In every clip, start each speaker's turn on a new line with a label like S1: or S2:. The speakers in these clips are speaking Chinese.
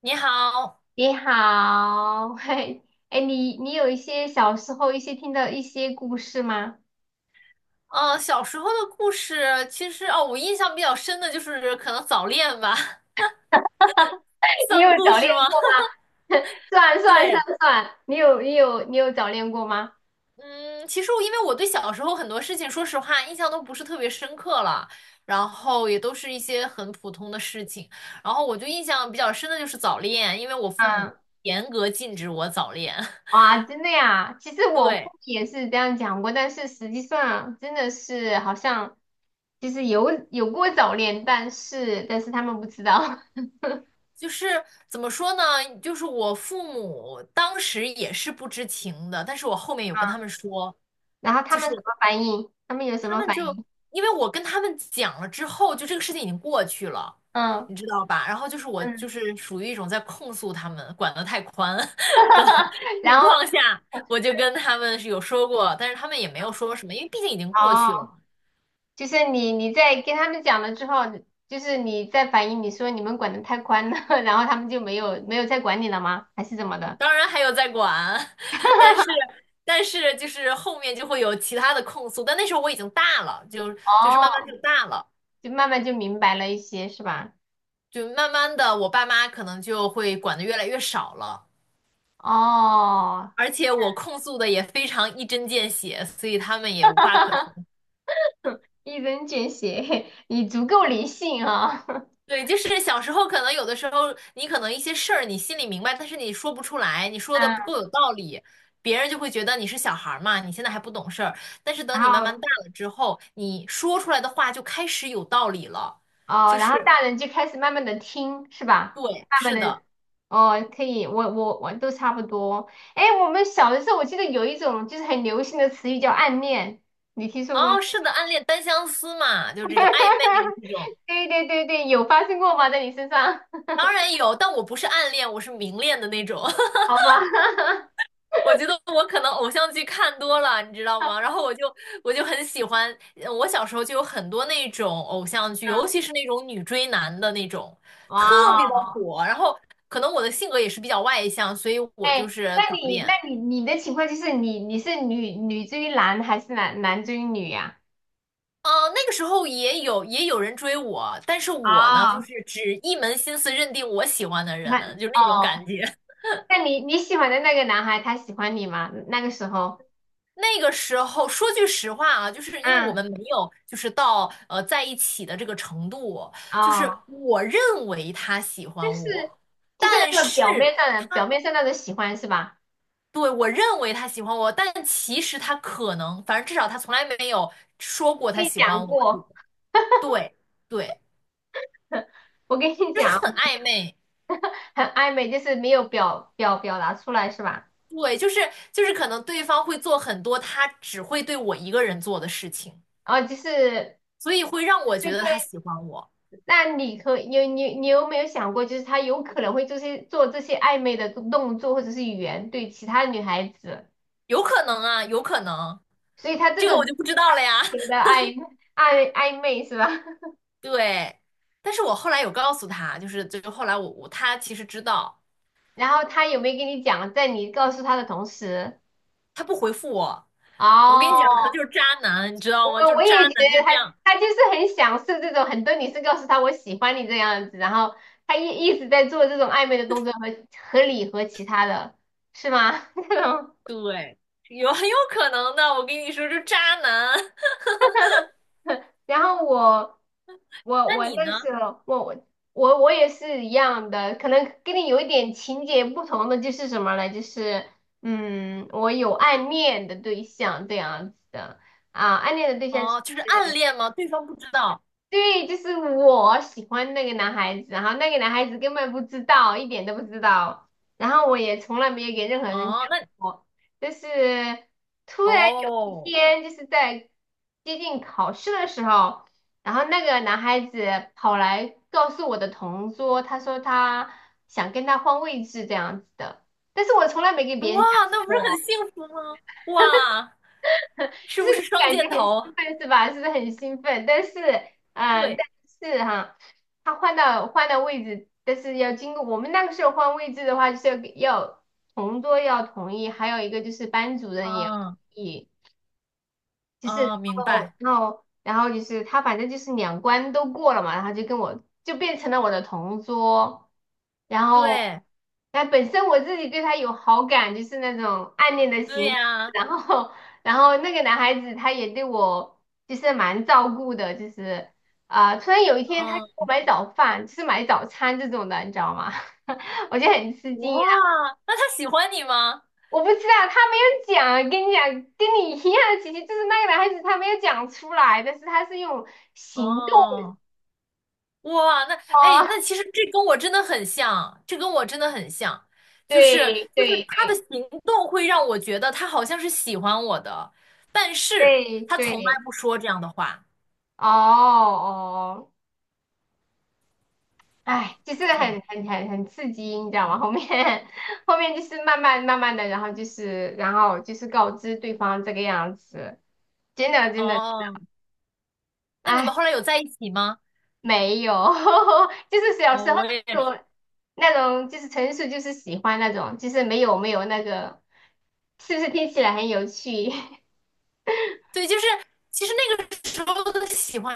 S1: 你好，
S2: 你好，嘿，哎，你有一些小时候一些听到一些故事吗？
S1: 小时候的故事，其实哦，我印象比较深的就是可能早恋吧，
S2: 你有
S1: 算故
S2: 早恋
S1: 事吗？
S2: 过 吗？算算算
S1: 对。
S2: 算，你有早恋过吗？
S1: 嗯，其实我因为我对小时候很多事情，说实话印象都不是特别深刻了，然后也都是一些很普通的事情，然后我就印象比较深的就是早恋，因为我父母
S2: 嗯，
S1: 严格禁止我早恋。
S2: 哇，真的呀，其实 我父母
S1: 对，
S2: 也是这样讲过，但是实际上真的是好像其实有过早恋，但是他们不知道，嗯，
S1: 就是怎么说呢？就是我父母当时也是不知情的，但是我后面有跟他们说。
S2: 然后他
S1: 就
S2: 们
S1: 是
S2: 什么反应？他们有什
S1: 他
S2: 么
S1: 们
S2: 反
S1: 就
S2: 应？
S1: 因为我跟他们讲了之后，就这个事情已经过去了，
S2: 嗯
S1: 你知道吧？然后就是我
S2: 嗯，
S1: 就是属于一种在控诉他们管得太宽 的 情
S2: 然后。
S1: 况下，我就跟他们是有说过，但是他们也没有说什么，因为毕竟已经过去
S2: 哦，
S1: 了。
S2: 就是你在跟他们讲了之后，就是你在反映你说你们管得太宽了，然后他们就没有再管你了吗？还是怎么的？
S1: 当然还有在管，但是但是就是后面就会有其他的控诉，但那时候我已经大了，就是慢慢
S2: 哦，
S1: 就大了，
S2: 就慢慢就明白了一些，是吧？
S1: 就慢慢的我爸妈可能就会管的越来越少了。
S2: 哦，
S1: 而且我控诉的也非常一针见血，所以他们也无话可说。
S2: 一针见血，你足够理性啊、
S1: 对，就是小时候可能有的时候，你可能一些事儿你心里明白，但是你说不出来，你说的不够
S2: 嗯，
S1: 有道理，别人就会觉得你是小孩儿嘛，你现在还不懂事儿。但是等
S2: 然
S1: 你慢慢
S2: 后
S1: 大了之后，你说出来的话就开始有道理了，
S2: 哦，
S1: 就
S2: 然
S1: 是
S2: 后大人就开始慢慢的听，是吧？
S1: 对，
S2: 慢慢
S1: 是
S2: 的，
S1: 的。
S2: 哦，可以，我都差不多。哎，我们小的时候，我记得有一种就是很流行的词语叫暗恋，你听说过吗？
S1: 哦，是的，暗恋单相思嘛，就是这种暧昧啊这种，
S2: 对对对对，有发生过吗？在你身上？
S1: 当然有，但我不是暗恋，我是明恋的那种。
S2: 好吧，
S1: 我觉得我可能偶像剧看多了，你知道吗？然后我就很喜欢，我小时候就有很多那种偶像剧，尤其 是那种女追男的那种，特
S2: 哇
S1: 别的
S2: 哦，
S1: 火。然后可能我的性格也是比较外向，所以我就
S2: 哎，
S1: 是
S2: 那
S1: 早
S2: 你那
S1: 恋。
S2: 你你的情况就是你是女追男还是男追女呀、
S1: 那个时候也有人追我，但是我呢，
S2: 啊？
S1: 就
S2: 哦，
S1: 是只一门心思认定我喜欢的
S2: 你
S1: 人，
S2: 看
S1: 就那种感
S2: 哦，
S1: 觉。
S2: 那你喜欢的那个男孩他喜欢你吗？那个时候？
S1: 那个时候说句实话啊，就是因为我
S2: 嗯，
S1: 们没有就是到在一起的这个程度，就是
S2: 哦，
S1: 我认为他喜
S2: 就
S1: 欢
S2: 是
S1: 我，
S2: 就是
S1: 但
S2: 那个表
S1: 是
S2: 面上的表
S1: 他
S2: 面上那种喜欢是吧？
S1: 对我认为他喜欢我，但其实他可能，反正至少他从来没有说过他
S2: 跟你
S1: 喜
S2: 讲
S1: 欢我。
S2: 过，
S1: 对对，
S2: 我跟你
S1: 就是
S2: 讲，
S1: 很暧昧。
S2: 很暧昧，就是没有表达出来是吧？
S1: 对，就是可能对方会做很多他只会对我一个人做的事情，
S2: 哦，就是。
S1: 所以会让
S2: 对
S1: 我觉
S2: 对。
S1: 得他喜欢我，
S2: 那你可你有你你有没有想过，就是他有可能会做这些暧昧的动作或者是语言对其他女孩子，
S1: 有可能啊，有可能。
S2: 所以他这
S1: 这个我
S2: 种
S1: 就不知道了呀。
S2: 情的 暧暧 暧昧是吧？
S1: 对，但是我后来有告诉他，就是就后来我他其实知道，
S2: 然后他有没有跟你讲，在你告诉他的同时，
S1: 他不回复我。我跟你讲，可能
S2: 哦，
S1: 就是渣男，你知道
S2: 我
S1: 吗？就是
S2: 我
S1: 渣
S2: 也觉
S1: 男就
S2: 得
S1: 是这
S2: 他
S1: 样，
S2: 他就是很享受这种，很多女生告诉他我喜欢你这样子，然后他一直在做这种暧昧的动作和你和其他的是吗？这种。
S1: 对，有很有可能的。我跟你说，就是渣男。
S2: 然后我我
S1: 那
S2: 我
S1: 你
S2: 那
S1: 呢？
S2: 时候我也是一样的，可能跟你有一点情节不同的就是什么呢？就是我有暗恋的对象这样子的啊，暗恋的对象。是。
S1: 哦，就是暗恋吗？对方不知道。
S2: 对，就是我喜欢那个男孩子，然后那个男孩子根本不知道，一点都不知道，然后我也从来没有给任何人
S1: 哦，
S2: 讲
S1: 那
S2: 过。就是突然有一
S1: 哦，
S2: 天，就是在接近考试的时候，然后那个男孩子跑来告诉我的同桌，他说他想跟他换位置这样子的，但是我从来没给别
S1: 哇，
S2: 人讲
S1: 那不是很
S2: 过。
S1: 幸福吗？哇，是
S2: 就
S1: 不是
S2: 是
S1: 双
S2: 感觉
S1: 箭
S2: 很
S1: 头？
S2: 兴奋是吧？是不是很兴奋？但是，
S1: 对，
S2: 但是哈，他换到位置，但是要经过我们那个时候换位置的话，就是要同桌要同意，还有一个就是班主任也要同
S1: 嗯
S2: 意。就是，
S1: 啊，明
S2: 然后，
S1: 白。
S2: 然后，然后就是他，反正就是两关都过了嘛，然后就跟我就变成了我的同桌，然后，
S1: 对，
S2: 但本身我自己对他有好感，就是那种暗恋的
S1: 对
S2: 形式，
S1: 呀，
S2: 然后，然后那个男孩子他也对我就是蛮照顾的，就是突然有一天他给
S1: 嗯、
S2: 我买早饭，就是买早餐这种的，你知道吗？我就很吃
S1: 哇，
S2: 惊
S1: 那他喜欢你吗？
S2: 我不知道，他没有讲，跟你讲，跟你一样的情形，就是那个男孩子他没有讲出来，但是他是用行动
S1: 哦，哇，那哎，
S2: 啊，
S1: 那其实这跟我真的很像，这跟我真的很像，就是
S2: 对
S1: 就
S2: 对
S1: 是他的行动会让我觉得他好像是喜欢我的，但是
S2: 对
S1: 他从来
S2: 对，
S1: 不说这样的话。
S2: 哦哦，哎，就是很刺激，你知道吗？后面 后面就是慢慢慢慢的，然后就是告知对方这个样子，真的真的，
S1: 哦，那你
S2: 哎。
S1: 们后来有在一起吗？
S2: 没有，就是小时
S1: 我
S2: 候
S1: 我也
S2: 那
S1: 是。
S2: 种那种，就是纯属就是喜欢那种，就是没有那个，是不是听起来很有趣？
S1: 对，就是其实那个时候的喜欢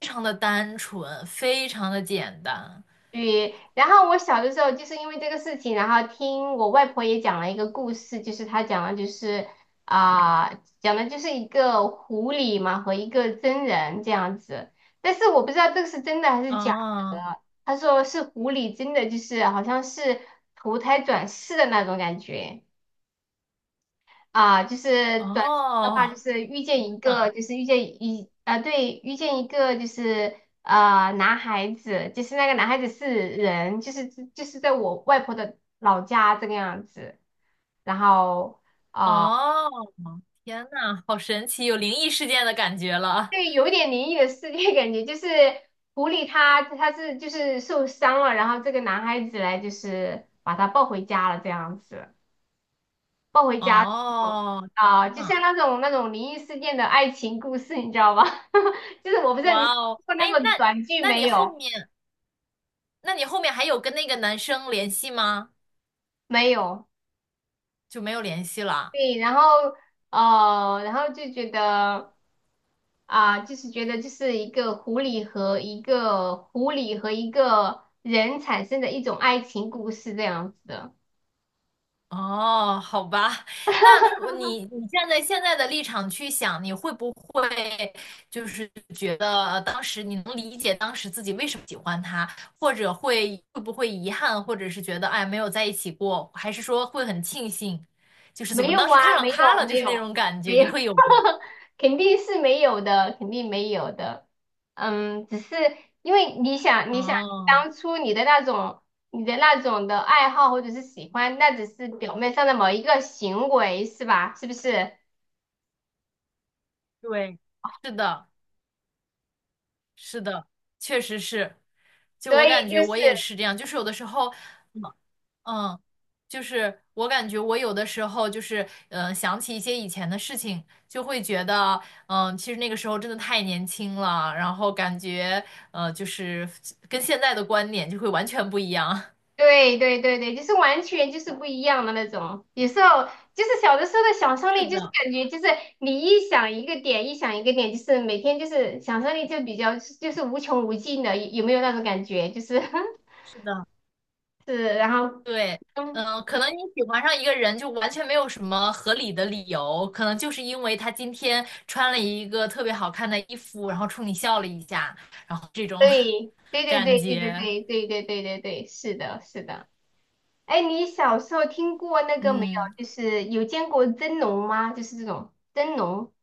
S1: 非常的单纯，非常的简单。
S2: 对，然后我小的时候就是因为这个事情，然后听我外婆也讲了一个故事，就是她讲的就是啊、一个狐狸嘛和一个真人这样子，但是我不知道这个是真的还是假
S1: 啊
S2: 的。她说是狐狸真的就是好像是投胎转世的那种感觉。啊，就是短期的话，就
S1: 哦，
S2: 是遇见
S1: 天
S2: 一
S1: 呐！
S2: 个，就是遇见对，遇见一个就是男孩子，就是那个男孩子是人，就是在我外婆的老家这个样子，然后
S1: 哦，天呐，好神奇，有灵异事件的感觉了。
S2: 对，有一点灵异的世界感觉，就是狐狸它就是受伤了，然后这个男孩子来就是把他抱回家了这样子。抱回家之后
S1: 哦，天
S2: 就像
S1: 呐，
S2: 那种灵异事件的爱情故事，你知道吧？就是我不知道你
S1: 哇哦，
S2: 看过那
S1: 哎，
S2: 个
S1: 那
S2: 短剧
S1: 那
S2: 没
S1: 你
S2: 有？
S1: 后面，那你后面还有跟那个男生联系吗？
S2: 没有。
S1: 就没有联系了。
S2: 对，然后然后就觉得就是觉得就是一个狐狸和一个人产生的一种爱情故事这样子的。
S1: 哦，好吧，那我你你站在现在的立场去想，你会不会就是觉得当时你能理解当时自己为什么喜欢他，或者会会不会遗憾，或者是觉得哎没有在一起过，还是说会很庆幸，就是怎
S2: 没
S1: 么当
S2: 有
S1: 时
S2: 啊，
S1: 看上
S2: 没
S1: 他
S2: 有
S1: 了，就
S2: 没
S1: 是那
S2: 有
S1: 种感觉，
S2: 没
S1: 你
S2: 有，
S1: 会有吗？
S2: 肯定是没有的，肯定没有的。嗯，只是因为你想，
S1: 哦，
S2: 当初你的那种的爱好或者是喜欢，那只是表面上的某一个行为，是吧？是不是？
S1: 对，是的。是的，确实是。就
S2: 所
S1: 我
S2: 以
S1: 感觉
S2: 就
S1: 我也
S2: 是。
S1: 是这样，就是有的时候，嗯，嗯就是我感觉我有的时候就是嗯、想起一些以前的事情，就会觉得嗯、其实那个时候真的太年轻了，然后感觉就是跟现在的观点就会完全不一样。
S2: 对对对对，就是完全就是不一样的那种。有时候就是小的时候的想象
S1: 是
S2: 力，就是
S1: 的，
S2: 感觉就是你一想一个点，一想一个点，就是每天就是想象力就比较就是无穷无尽的，有没有那种感觉？就是
S1: 是的。
S2: 是，然后
S1: 对，
S2: 嗯，
S1: 嗯，可能你喜欢上一个人就完全没有什么合理的理由，可能就是因为他今天穿了一个特别好看的衣服，然后冲你笑了一下，然后这种
S2: 对对 对
S1: 感
S2: 对对对
S1: 觉，
S2: 对对对对对对，是的，是的。哎，你小时候听过那个没有？
S1: 嗯
S2: 就是有见过真龙吗？就是这种真龙，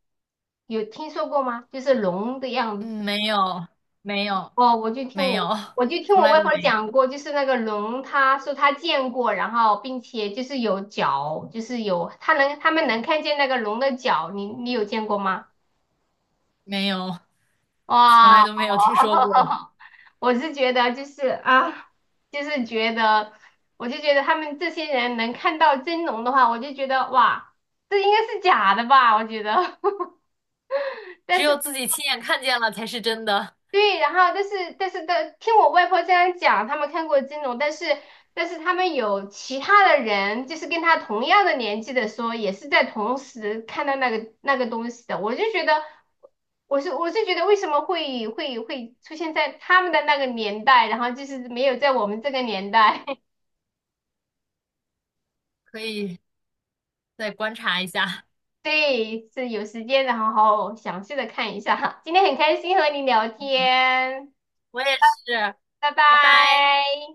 S2: 有听说过吗？就是龙的样子。
S1: 嗯，没有没有
S2: 哦，我就听
S1: 没有，
S2: 我我就听
S1: 从
S2: 我
S1: 来
S2: 外
S1: 都
S2: 婆
S1: 没有
S2: 讲过，就是那个龙，她说她见过，然后并且就是有脚，就是有她能他们能看见那个龙的脚，你有见过吗？
S1: 没有，从
S2: 哇，
S1: 来都没有听说过，
S2: 我是觉得就是啊，就是觉得，我就觉得他们这些人能看到真龙的话，我就觉得哇，这应该是假的吧？我觉得，
S1: 只
S2: 但
S1: 有
S2: 是
S1: 自己亲眼看见了才是真的，
S2: 对，然后但是但是的，听我外婆这样讲，他们看过金融，但是他们有其他的人，就是跟他同样的年纪的说，也是在同时看到那个东西的，我就觉得，我是觉得为什么会出现在他们的那个年代，然后就是没有在我们这个年代，
S1: 可以再观察一下。
S2: 对，是有时间然后好好详细的看一下。今天很开心和你聊天，
S1: 我也是，
S2: 拜
S1: 拜拜。
S2: 拜。